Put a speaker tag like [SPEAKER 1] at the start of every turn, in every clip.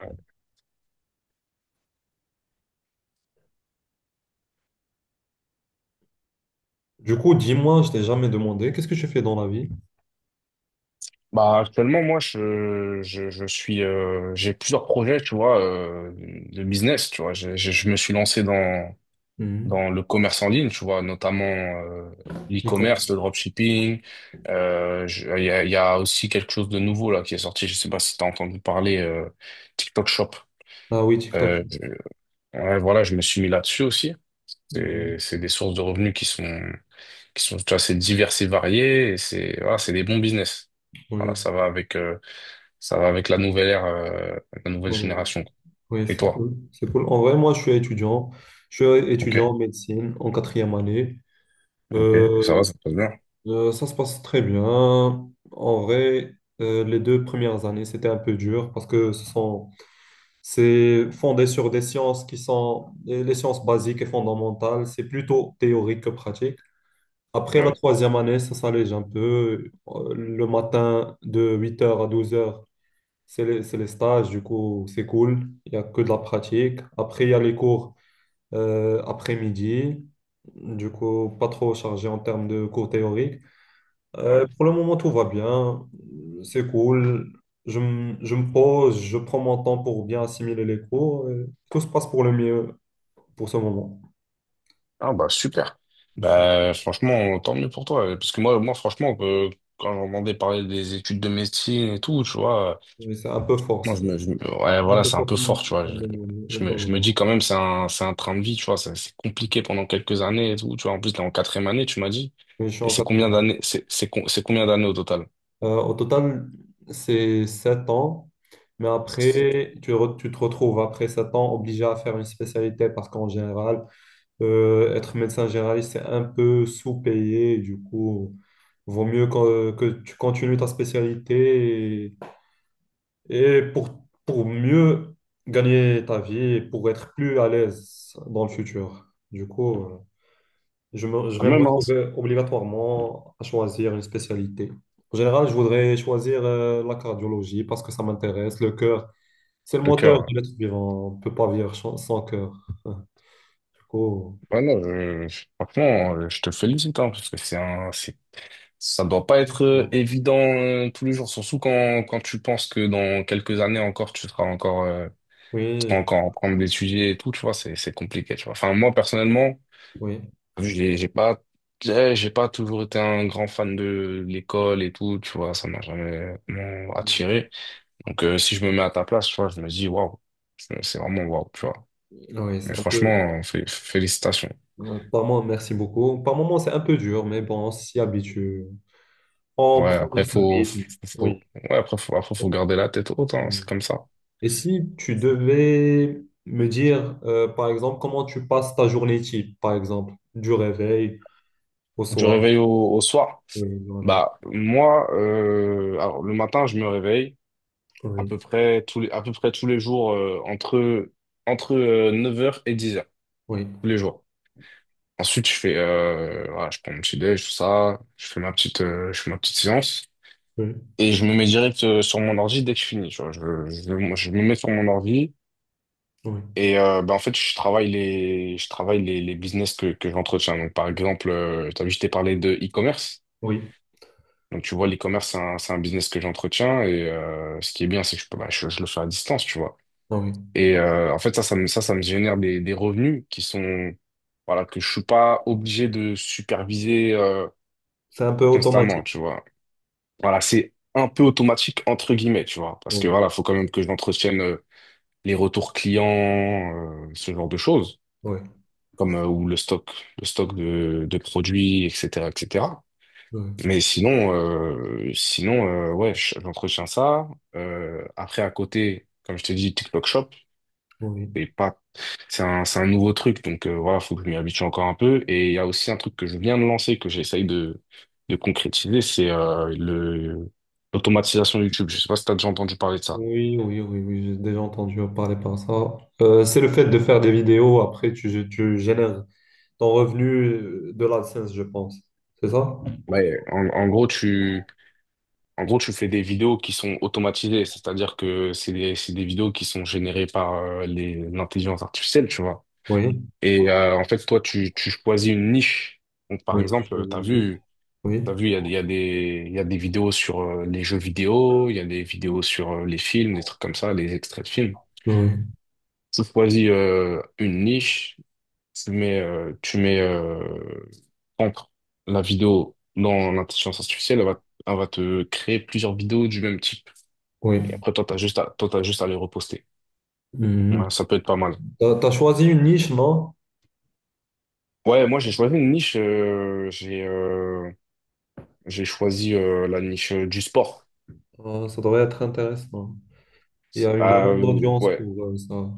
[SPEAKER 1] Ouais.
[SPEAKER 2] Du coup, dis-moi, je t'ai jamais demandé, qu'est-ce que tu fais dans la vie?
[SPEAKER 1] Actuellement, moi, j'ai plusieurs projets, tu vois, de business, tu vois. Je me suis lancé dans,
[SPEAKER 2] Mhm.
[SPEAKER 1] dans le commerce en ligne, tu vois, notamment
[SPEAKER 2] Et comment?
[SPEAKER 1] l'e-commerce, le dropshipping. Il y a aussi quelque chose de nouveau là qui est sorti. Je sais pas si tu as entendu parler TikTok Shop.
[SPEAKER 2] Ah oui, TikTok.
[SPEAKER 1] Euh, je- ouais, voilà, je me suis mis là-dessus aussi. C'est
[SPEAKER 2] Mhm.
[SPEAKER 1] c'est des sources de revenus qui sont tu vois, c'est diverses et variées. C'est voilà, c'est des bons business. Voilà,
[SPEAKER 2] Oui,
[SPEAKER 1] ça va avec la nouvelle ère, la nouvelle
[SPEAKER 2] technologie.
[SPEAKER 1] génération. Quoi.
[SPEAKER 2] Oui,
[SPEAKER 1] Et
[SPEAKER 2] c'est
[SPEAKER 1] toi?
[SPEAKER 2] cool. C'est cool. En vrai, moi, je suis étudiant. Je suis
[SPEAKER 1] Ok,
[SPEAKER 2] étudiant en médecine en quatrième année.
[SPEAKER 1] ok, ça
[SPEAKER 2] Euh,
[SPEAKER 1] va, ça se passe bien.
[SPEAKER 2] Ça se passe très bien. En vrai, les 2 premières années, c'était un peu dur parce que c'est fondé sur des sciences qui sont les sciences basiques et fondamentales. C'est plutôt théorique que pratique. Après la
[SPEAKER 1] Ouais,
[SPEAKER 2] troisième année, ça s'allège un peu. Le matin, de 8h à 12h, c'est les stages, du coup, c'est cool. Il n'y a que de la pratique. Après, il y a les cours après-midi. Du coup, pas trop chargé en termes de cours théoriques.
[SPEAKER 1] ouais.
[SPEAKER 2] Pour le moment, tout va bien. C'est cool. Je me pose, je prends mon temps pour bien assimiler les cours. Tout se passe pour le mieux pour ce moment.
[SPEAKER 1] Ah bah super.
[SPEAKER 2] Je suis-
[SPEAKER 1] Bah franchement, tant mieux pour toi. Parce que moi, moi franchement, quand j'entendais parler des études de médecine et tout, tu vois,
[SPEAKER 2] C'est un peu fort,
[SPEAKER 1] moi
[SPEAKER 2] ça.
[SPEAKER 1] je me- ouais,
[SPEAKER 2] C'est un
[SPEAKER 1] voilà,
[SPEAKER 2] peu
[SPEAKER 1] c'est un
[SPEAKER 2] fort
[SPEAKER 1] peu
[SPEAKER 2] comme,
[SPEAKER 1] fort, tu vois.
[SPEAKER 2] comme dans le- dans
[SPEAKER 1] Je me dis
[SPEAKER 2] le-
[SPEAKER 1] quand même, c'est un train de vie, tu vois. C'est compliqué pendant quelques années et tout, tu vois. En plus, t'es en quatrième année, tu m'as dit.
[SPEAKER 2] Oui, je suis
[SPEAKER 1] Et
[SPEAKER 2] en
[SPEAKER 1] c'est combien
[SPEAKER 2] quatrième.
[SPEAKER 1] d'années, c'est combien d'années au total?
[SPEAKER 2] Au total, c'est 7 ans. Mais
[SPEAKER 1] C'est sept ans.
[SPEAKER 2] après, tu te retrouves après 7 ans obligé à faire une spécialité parce qu'en général, être médecin généraliste, c'est un peu sous-payé. Du coup, vaut mieux que tu continues ta spécialité et pour mieux gagner ta vie et pour être plus à l'aise dans le futur. Du coup, je
[SPEAKER 1] Ah
[SPEAKER 2] vais me
[SPEAKER 1] même, hein,
[SPEAKER 2] retrouver obligatoirement à choisir une spécialité. En général, je voudrais choisir la cardiologie parce que ça m'intéresse. Le cœur, c'est le
[SPEAKER 1] le
[SPEAKER 2] moteur
[SPEAKER 1] cœur.
[SPEAKER 2] de l'être vivant. On ne peut pas vivre sans cœur. Du coup,
[SPEAKER 1] Voilà, je, Franchement, je te félicite, hein, parce que c'est un, c'est ça, doit pas être évident tous les jours, surtout quand tu penses que dans quelques années encore, tu seras encore, tu seras
[SPEAKER 2] oui,
[SPEAKER 1] encore en prendre des sujets et tout, tu vois, c'est compliqué, tu vois. Enfin, moi, personnellement,
[SPEAKER 2] oui.
[SPEAKER 1] j'ai, j'ai pas, j'ai pas toujours été un grand fan de l'école et tout, tu vois, ça m'a jamais vraiment attiré. Donc, si je me mets à ta place, tu vois, je me dis, waouh, c'est vraiment waouh, tu vois.
[SPEAKER 2] Oui,
[SPEAKER 1] Mais
[SPEAKER 2] c'est un
[SPEAKER 1] franchement,
[SPEAKER 2] peu.
[SPEAKER 1] félicitations.
[SPEAKER 2] Par moment, merci beaucoup. Par moment, c'est un peu dur, mais bon, on s'y habitue. On
[SPEAKER 1] Ouais,
[SPEAKER 2] prend
[SPEAKER 1] après,
[SPEAKER 2] notre rythme.
[SPEAKER 1] faut-
[SPEAKER 2] Oui.
[SPEAKER 1] faut garder la tête haute, hein,
[SPEAKER 2] Oui.
[SPEAKER 1] c'est comme ça.
[SPEAKER 2] Et si tu devais me dire, par exemple, comment tu passes ta journée type, par exemple, du réveil au
[SPEAKER 1] Du
[SPEAKER 2] soir.
[SPEAKER 1] réveil au, au soir.
[SPEAKER 2] Oui, du réveil au-
[SPEAKER 1] Bah, moi, alors, le matin, je me réveille
[SPEAKER 2] Oui,
[SPEAKER 1] à peu près tous les jours entre, entre neuf heures et dix heures
[SPEAKER 2] oui,
[SPEAKER 1] tous les jours. Ensuite, je fais, voilà, je prends mon petit déj, tout ça, je fais ma petite séance
[SPEAKER 2] oui,
[SPEAKER 1] et je me mets direct sur mon ordi dès que je finis. Tu vois. Moi, je me mets sur mon ordi
[SPEAKER 2] oui,
[SPEAKER 1] et bah, en fait, je travaille les business que j'entretiens. Donc, par exemple, tu as vu, je t'ai parlé de e-commerce.
[SPEAKER 2] oui,
[SPEAKER 1] Donc, tu vois, l'e-commerce, c'est un business que j'entretiens et ce qui est bien, c'est que je peux, bah, je le fais à distance, tu vois.
[SPEAKER 2] ah oui.
[SPEAKER 1] Et en fait, ça me génère des revenus qui sont, voilà, que je suis pas obligé de superviser
[SPEAKER 2] C'est un peu
[SPEAKER 1] constamment,
[SPEAKER 2] automatique.
[SPEAKER 1] tu vois. Voilà, c'est un peu automatique, entre guillemets, tu vois. Parce
[SPEAKER 2] Oui,
[SPEAKER 1] que voilà, faut quand même que j'entretienne les retours clients, ce genre de choses,
[SPEAKER 2] oui,
[SPEAKER 1] comme ou le stock de produits, etc., etc.
[SPEAKER 2] oui,
[SPEAKER 1] Mais sinon, ouais, j'entretiens ça. Après, à côté, comme je t'ai dit, TikTok Shop,
[SPEAKER 2] oui.
[SPEAKER 1] c'est pas, c'est un nouveau truc, donc voilà, faut que je m'y habitue encore un peu. Et il y a aussi un truc que je viens de lancer, que j'essaye de concrétiser, c'est le l'automatisation YouTube. Je sais pas si t'as déjà entendu parler de ça.
[SPEAKER 2] Oui, oui, oui, oui, j'ai déjà entendu parler par ça. C'est le fait de faire des vidéos, après tu génères ton revenu de l'AdSense, je pense. C'est ça?
[SPEAKER 1] Ouais, en gros, tu fais des vidéos qui sont automatisées, c'est-à-dire que c'est des vidéos qui sont générées par l'intelligence artificielle, tu vois.
[SPEAKER 2] Oui,
[SPEAKER 1] Et en fait, toi, tu choisis une niche. Donc, par
[SPEAKER 2] oui,
[SPEAKER 1] exemple,
[SPEAKER 2] oui, oui,
[SPEAKER 1] t'as
[SPEAKER 2] oui.
[SPEAKER 1] vu, il y a des vidéos sur les jeux vidéo, il y a des vidéos sur les films, des trucs comme ça, les extraits de films. Tu choisis une niche, tu mets entre la vidéo dans l'intelligence artificielle, elle va te créer plusieurs vidéos du même type. Et
[SPEAKER 2] Oui.
[SPEAKER 1] après, toi, t'as juste à les reposter. Ouais,
[SPEAKER 2] Mhm.
[SPEAKER 1] ça peut être pas mal.
[SPEAKER 2] T'as choisi une niche, non?
[SPEAKER 1] Ouais, moi, j'ai choisi une niche. J'ai choisi la niche du sport.
[SPEAKER 2] Ça devrait être intéressant. Il y a une
[SPEAKER 1] Ah
[SPEAKER 2] grande
[SPEAKER 1] euh,
[SPEAKER 2] audience
[SPEAKER 1] ouais.
[SPEAKER 2] pour ça,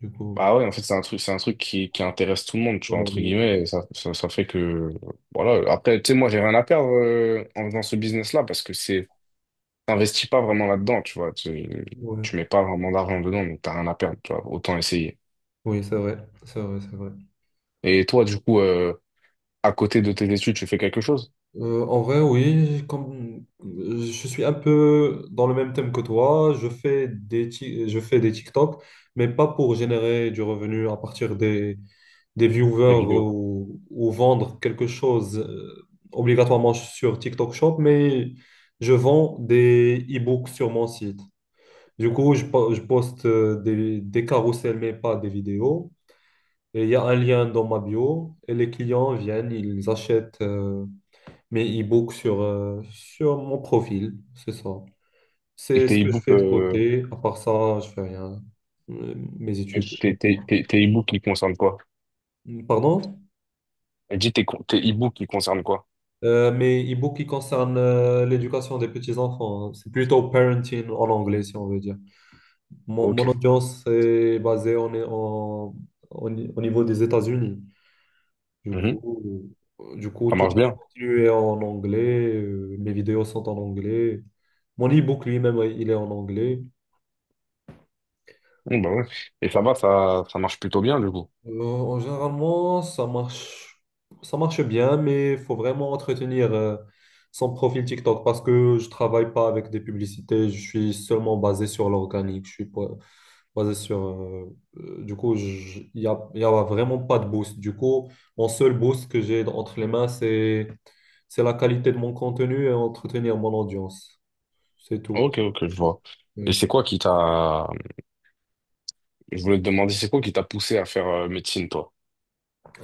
[SPEAKER 2] du coup.
[SPEAKER 1] Bah ouais, en fait, c'est un truc qui intéresse tout le monde, tu vois, entre
[SPEAKER 2] Demander.
[SPEAKER 1] guillemets. Et ça fait que, voilà. Après, tu sais, moi, j'ai rien à perdre en faisant ce business-là parce que c'est, t'investis pas vraiment là-dedans, tu vois.
[SPEAKER 2] Ouais.
[SPEAKER 1] Tu mets pas vraiment d'argent dedans, donc t'as rien à perdre, tu vois. Autant essayer.
[SPEAKER 2] Oui, c'est vrai, c'est vrai, c'est vrai.
[SPEAKER 1] Et toi, du coup, à côté de tes études, tu fais quelque chose,
[SPEAKER 2] En vrai, oui, comme je suis un peu dans le même thème que toi, je fais des TikTok, mais pas pour générer du revenu à partir des
[SPEAKER 1] des
[SPEAKER 2] viewers
[SPEAKER 1] vidéos.
[SPEAKER 2] ou vendre quelque chose obligatoirement sur TikTok Shop, mais je vends des e-books sur mon site. Du coup, je poste des carousels, mais pas des vidéos. Et il y a un lien dans ma bio. Et les clients viennent, ils achètent mes e-books sur mon profil. C'est ça.
[SPEAKER 1] Et
[SPEAKER 2] C'est ce
[SPEAKER 1] tes
[SPEAKER 2] que je
[SPEAKER 1] e-books,
[SPEAKER 2] fais de côté. À part ça, je fais rien. Mes études, uniquement.
[SPEAKER 1] tes e-books, ils concernent quoi?
[SPEAKER 2] Pardon?
[SPEAKER 1] Dis tes e-books, ils concernent quoi?
[SPEAKER 2] Mes e-books qui concernent l'éducation des petits-enfants, hein. C'est plutôt parenting en anglais, si on veut dire. Mon
[SPEAKER 1] Ok.
[SPEAKER 2] audience est basée en, en, au ni- au niveau des États-Unis. Du coup, du coup,
[SPEAKER 1] Ça
[SPEAKER 2] tout
[SPEAKER 1] marche bien.
[SPEAKER 2] continue est en anglais. Mes vidéos sont en anglais. Mon e-book lui-même, il est en anglais.
[SPEAKER 1] Mmh, bah ouais. Et ça va, ça marche plutôt bien, du coup.
[SPEAKER 2] En généralement, ça marche bien, mais il faut vraiment entretenir son profil TikTok parce que je travaille pas avec des publicités. Je suis seulement basé sur l'organique. Je suis pas- Basé sur. Du coup, y a vraiment pas de boost. Du coup, mon seul boost que j'ai entre les mains, c'est la qualité de mon contenu et entretenir mon audience. C'est tout.
[SPEAKER 1] Ok, je vois. Et
[SPEAKER 2] Oui.
[SPEAKER 1] c'est quoi qui t'a… Je voulais te demander, c'est quoi qui t'a poussé à faire médecine, toi?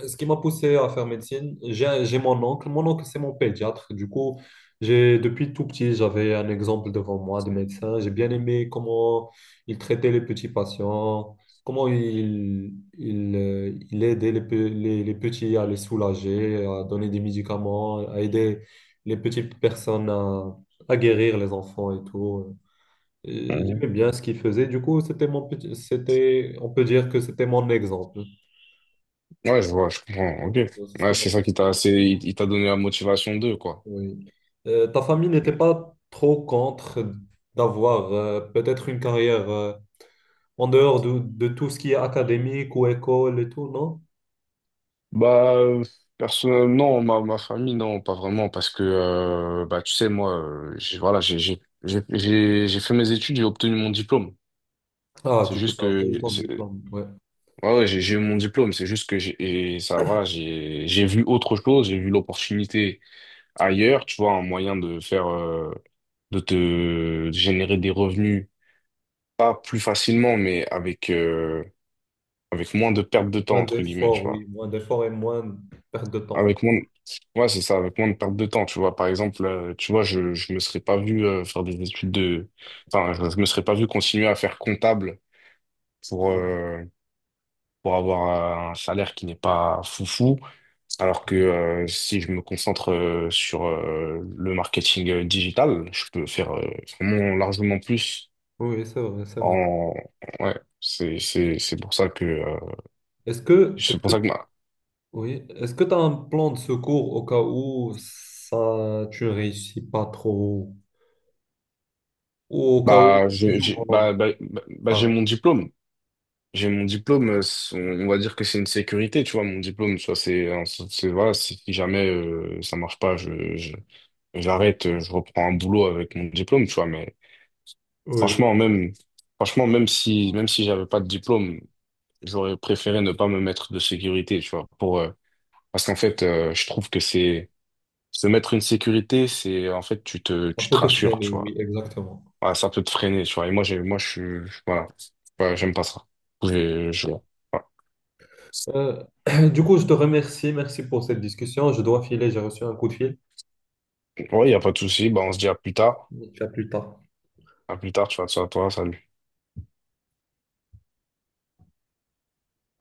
[SPEAKER 2] Ce qui m'a poussé à faire médecine, j'ai mon oncle. Mon oncle, c'est mon pédiatre. Du coup, j'ai depuis tout petit, j'avais un exemple devant moi de médecin. J'ai bien aimé comment il traitait les petits patients, comment il aidait les petits à les soulager, à donner des médicaments, à aider les petites personnes à guérir les enfants et tout. Et
[SPEAKER 1] Mmh.
[SPEAKER 2] j'aimais bien ce qu'il faisait. Du coup, c'était, on peut dire que c'était mon exemple.
[SPEAKER 1] Ouais, je vois, je comprends. Ok.
[SPEAKER 2] C'est ce qui
[SPEAKER 1] Ouais,
[SPEAKER 2] m'a
[SPEAKER 1] c'est ça qui t'a…
[SPEAKER 2] motivé.
[SPEAKER 1] C'est… Il t'a donné la motivation d'eux, quoi.
[SPEAKER 2] Oui. Ta famille n'était pas trop contre d'avoir peut-être une carrière en dehors de tout ce qui est académique ou école et tout, non?
[SPEAKER 1] Bah, personnellement, non, ma famille, non, pas vraiment, parce que, bah, tu sais, moi, j'ai, voilà, j'ai fait mes études, j'ai obtenu mon diplôme.
[SPEAKER 2] Ah,
[SPEAKER 1] C'est
[SPEAKER 2] du coup,
[SPEAKER 1] juste
[SPEAKER 2] t'as as obtenu
[SPEAKER 1] que,
[SPEAKER 2] ton
[SPEAKER 1] c'est-
[SPEAKER 2] diplôme. Ouais.
[SPEAKER 1] Ouais, j'ai eu mon diplôme, c'est juste que j'ai, et ça va, j'ai vu autre chose, j'ai vu l'opportunité ailleurs, tu vois, un moyen de faire, de te de générer des revenus, pas plus facilement, mais avec, avec moins de perte de temps,
[SPEAKER 2] Moins
[SPEAKER 1] entre guillemets, tu
[SPEAKER 2] d'efforts,
[SPEAKER 1] vois.
[SPEAKER 2] oui. Moins d'efforts et moins de perte de temps.
[SPEAKER 1] Avec moins, de- ouais, c'est ça, avec moins de perte de temps, tu vois. Par exemple, tu vois, je me serais pas vu, faire des études de, enfin, je me serais pas vu continuer à faire comptable pour,
[SPEAKER 2] Mm.
[SPEAKER 1] euh, pour avoir un salaire qui n'est pas foufou. Alors que si je me concentre sur le marketing digital, je peux faire vraiment largement plus
[SPEAKER 2] Oui, c'est vrai, c'est vrai.
[SPEAKER 1] en ouais, c'est pour ça que
[SPEAKER 2] Est-ce que
[SPEAKER 1] bah,
[SPEAKER 2] Oui. Est-ce que tu as un plan de secours au cas où ça, tu ne réussis pas trop ou au cas où
[SPEAKER 1] bah
[SPEAKER 2] du
[SPEAKER 1] je-
[SPEAKER 2] jour
[SPEAKER 1] j'ai
[SPEAKER 2] au lendemain,
[SPEAKER 1] bah, bah, bah, bah,
[SPEAKER 2] ça,
[SPEAKER 1] j'ai
[SPEAKER 2] va.
[SPEAKER 1] mon diplôme. J'ai mon diplôme, on va dire que c'est une sécurité, tu vois, mon diplôme, tu vois, c'est voilà, si si jamais ça marche pas, j'arrête, je reprends un boulot avec mon diplôme, tu vois, mais franchement,
[SPEAKER 2] Oui,
[SPEAKER 1] franchement, même si j'avais pas de diplôme, j'aurais préféré ne pas me mettre de sécurité, tu vois, pour, parce qu'en fait, je trouve que c'est, se mettre une sécurité, c'est, en fait,
[SPEAKER 2] ça
[SPEAKER 1] tu te
[SPEAKER 2] peut te
[SPEAKER 1] rassures,
[SPEAKER 2] freiner,
[SPEAKER 1] tu
[SPEAKER 2] oui,
[SPEAKER 1] vois.
[SPEAKER 2] exactement.
[SPEAKER 1] Voilà, ça peut te freiner, tu vois. Et moi, je suis, voilà, ouais, j'aime pas ça. Voilà.
[SPEAKER 2] Euh, du coup, je te remercie. Merci pour cette discussion. Je dois filer, j'ai reçu un coup de fil.
[SPEAKER 1] Ouais, y a pas de souci. Bah, on se dit à plus tard.
[SPEAKER 2] À plus tard.
[SPEAKER 1] À plus tard, tu vois, ça à toi, salut.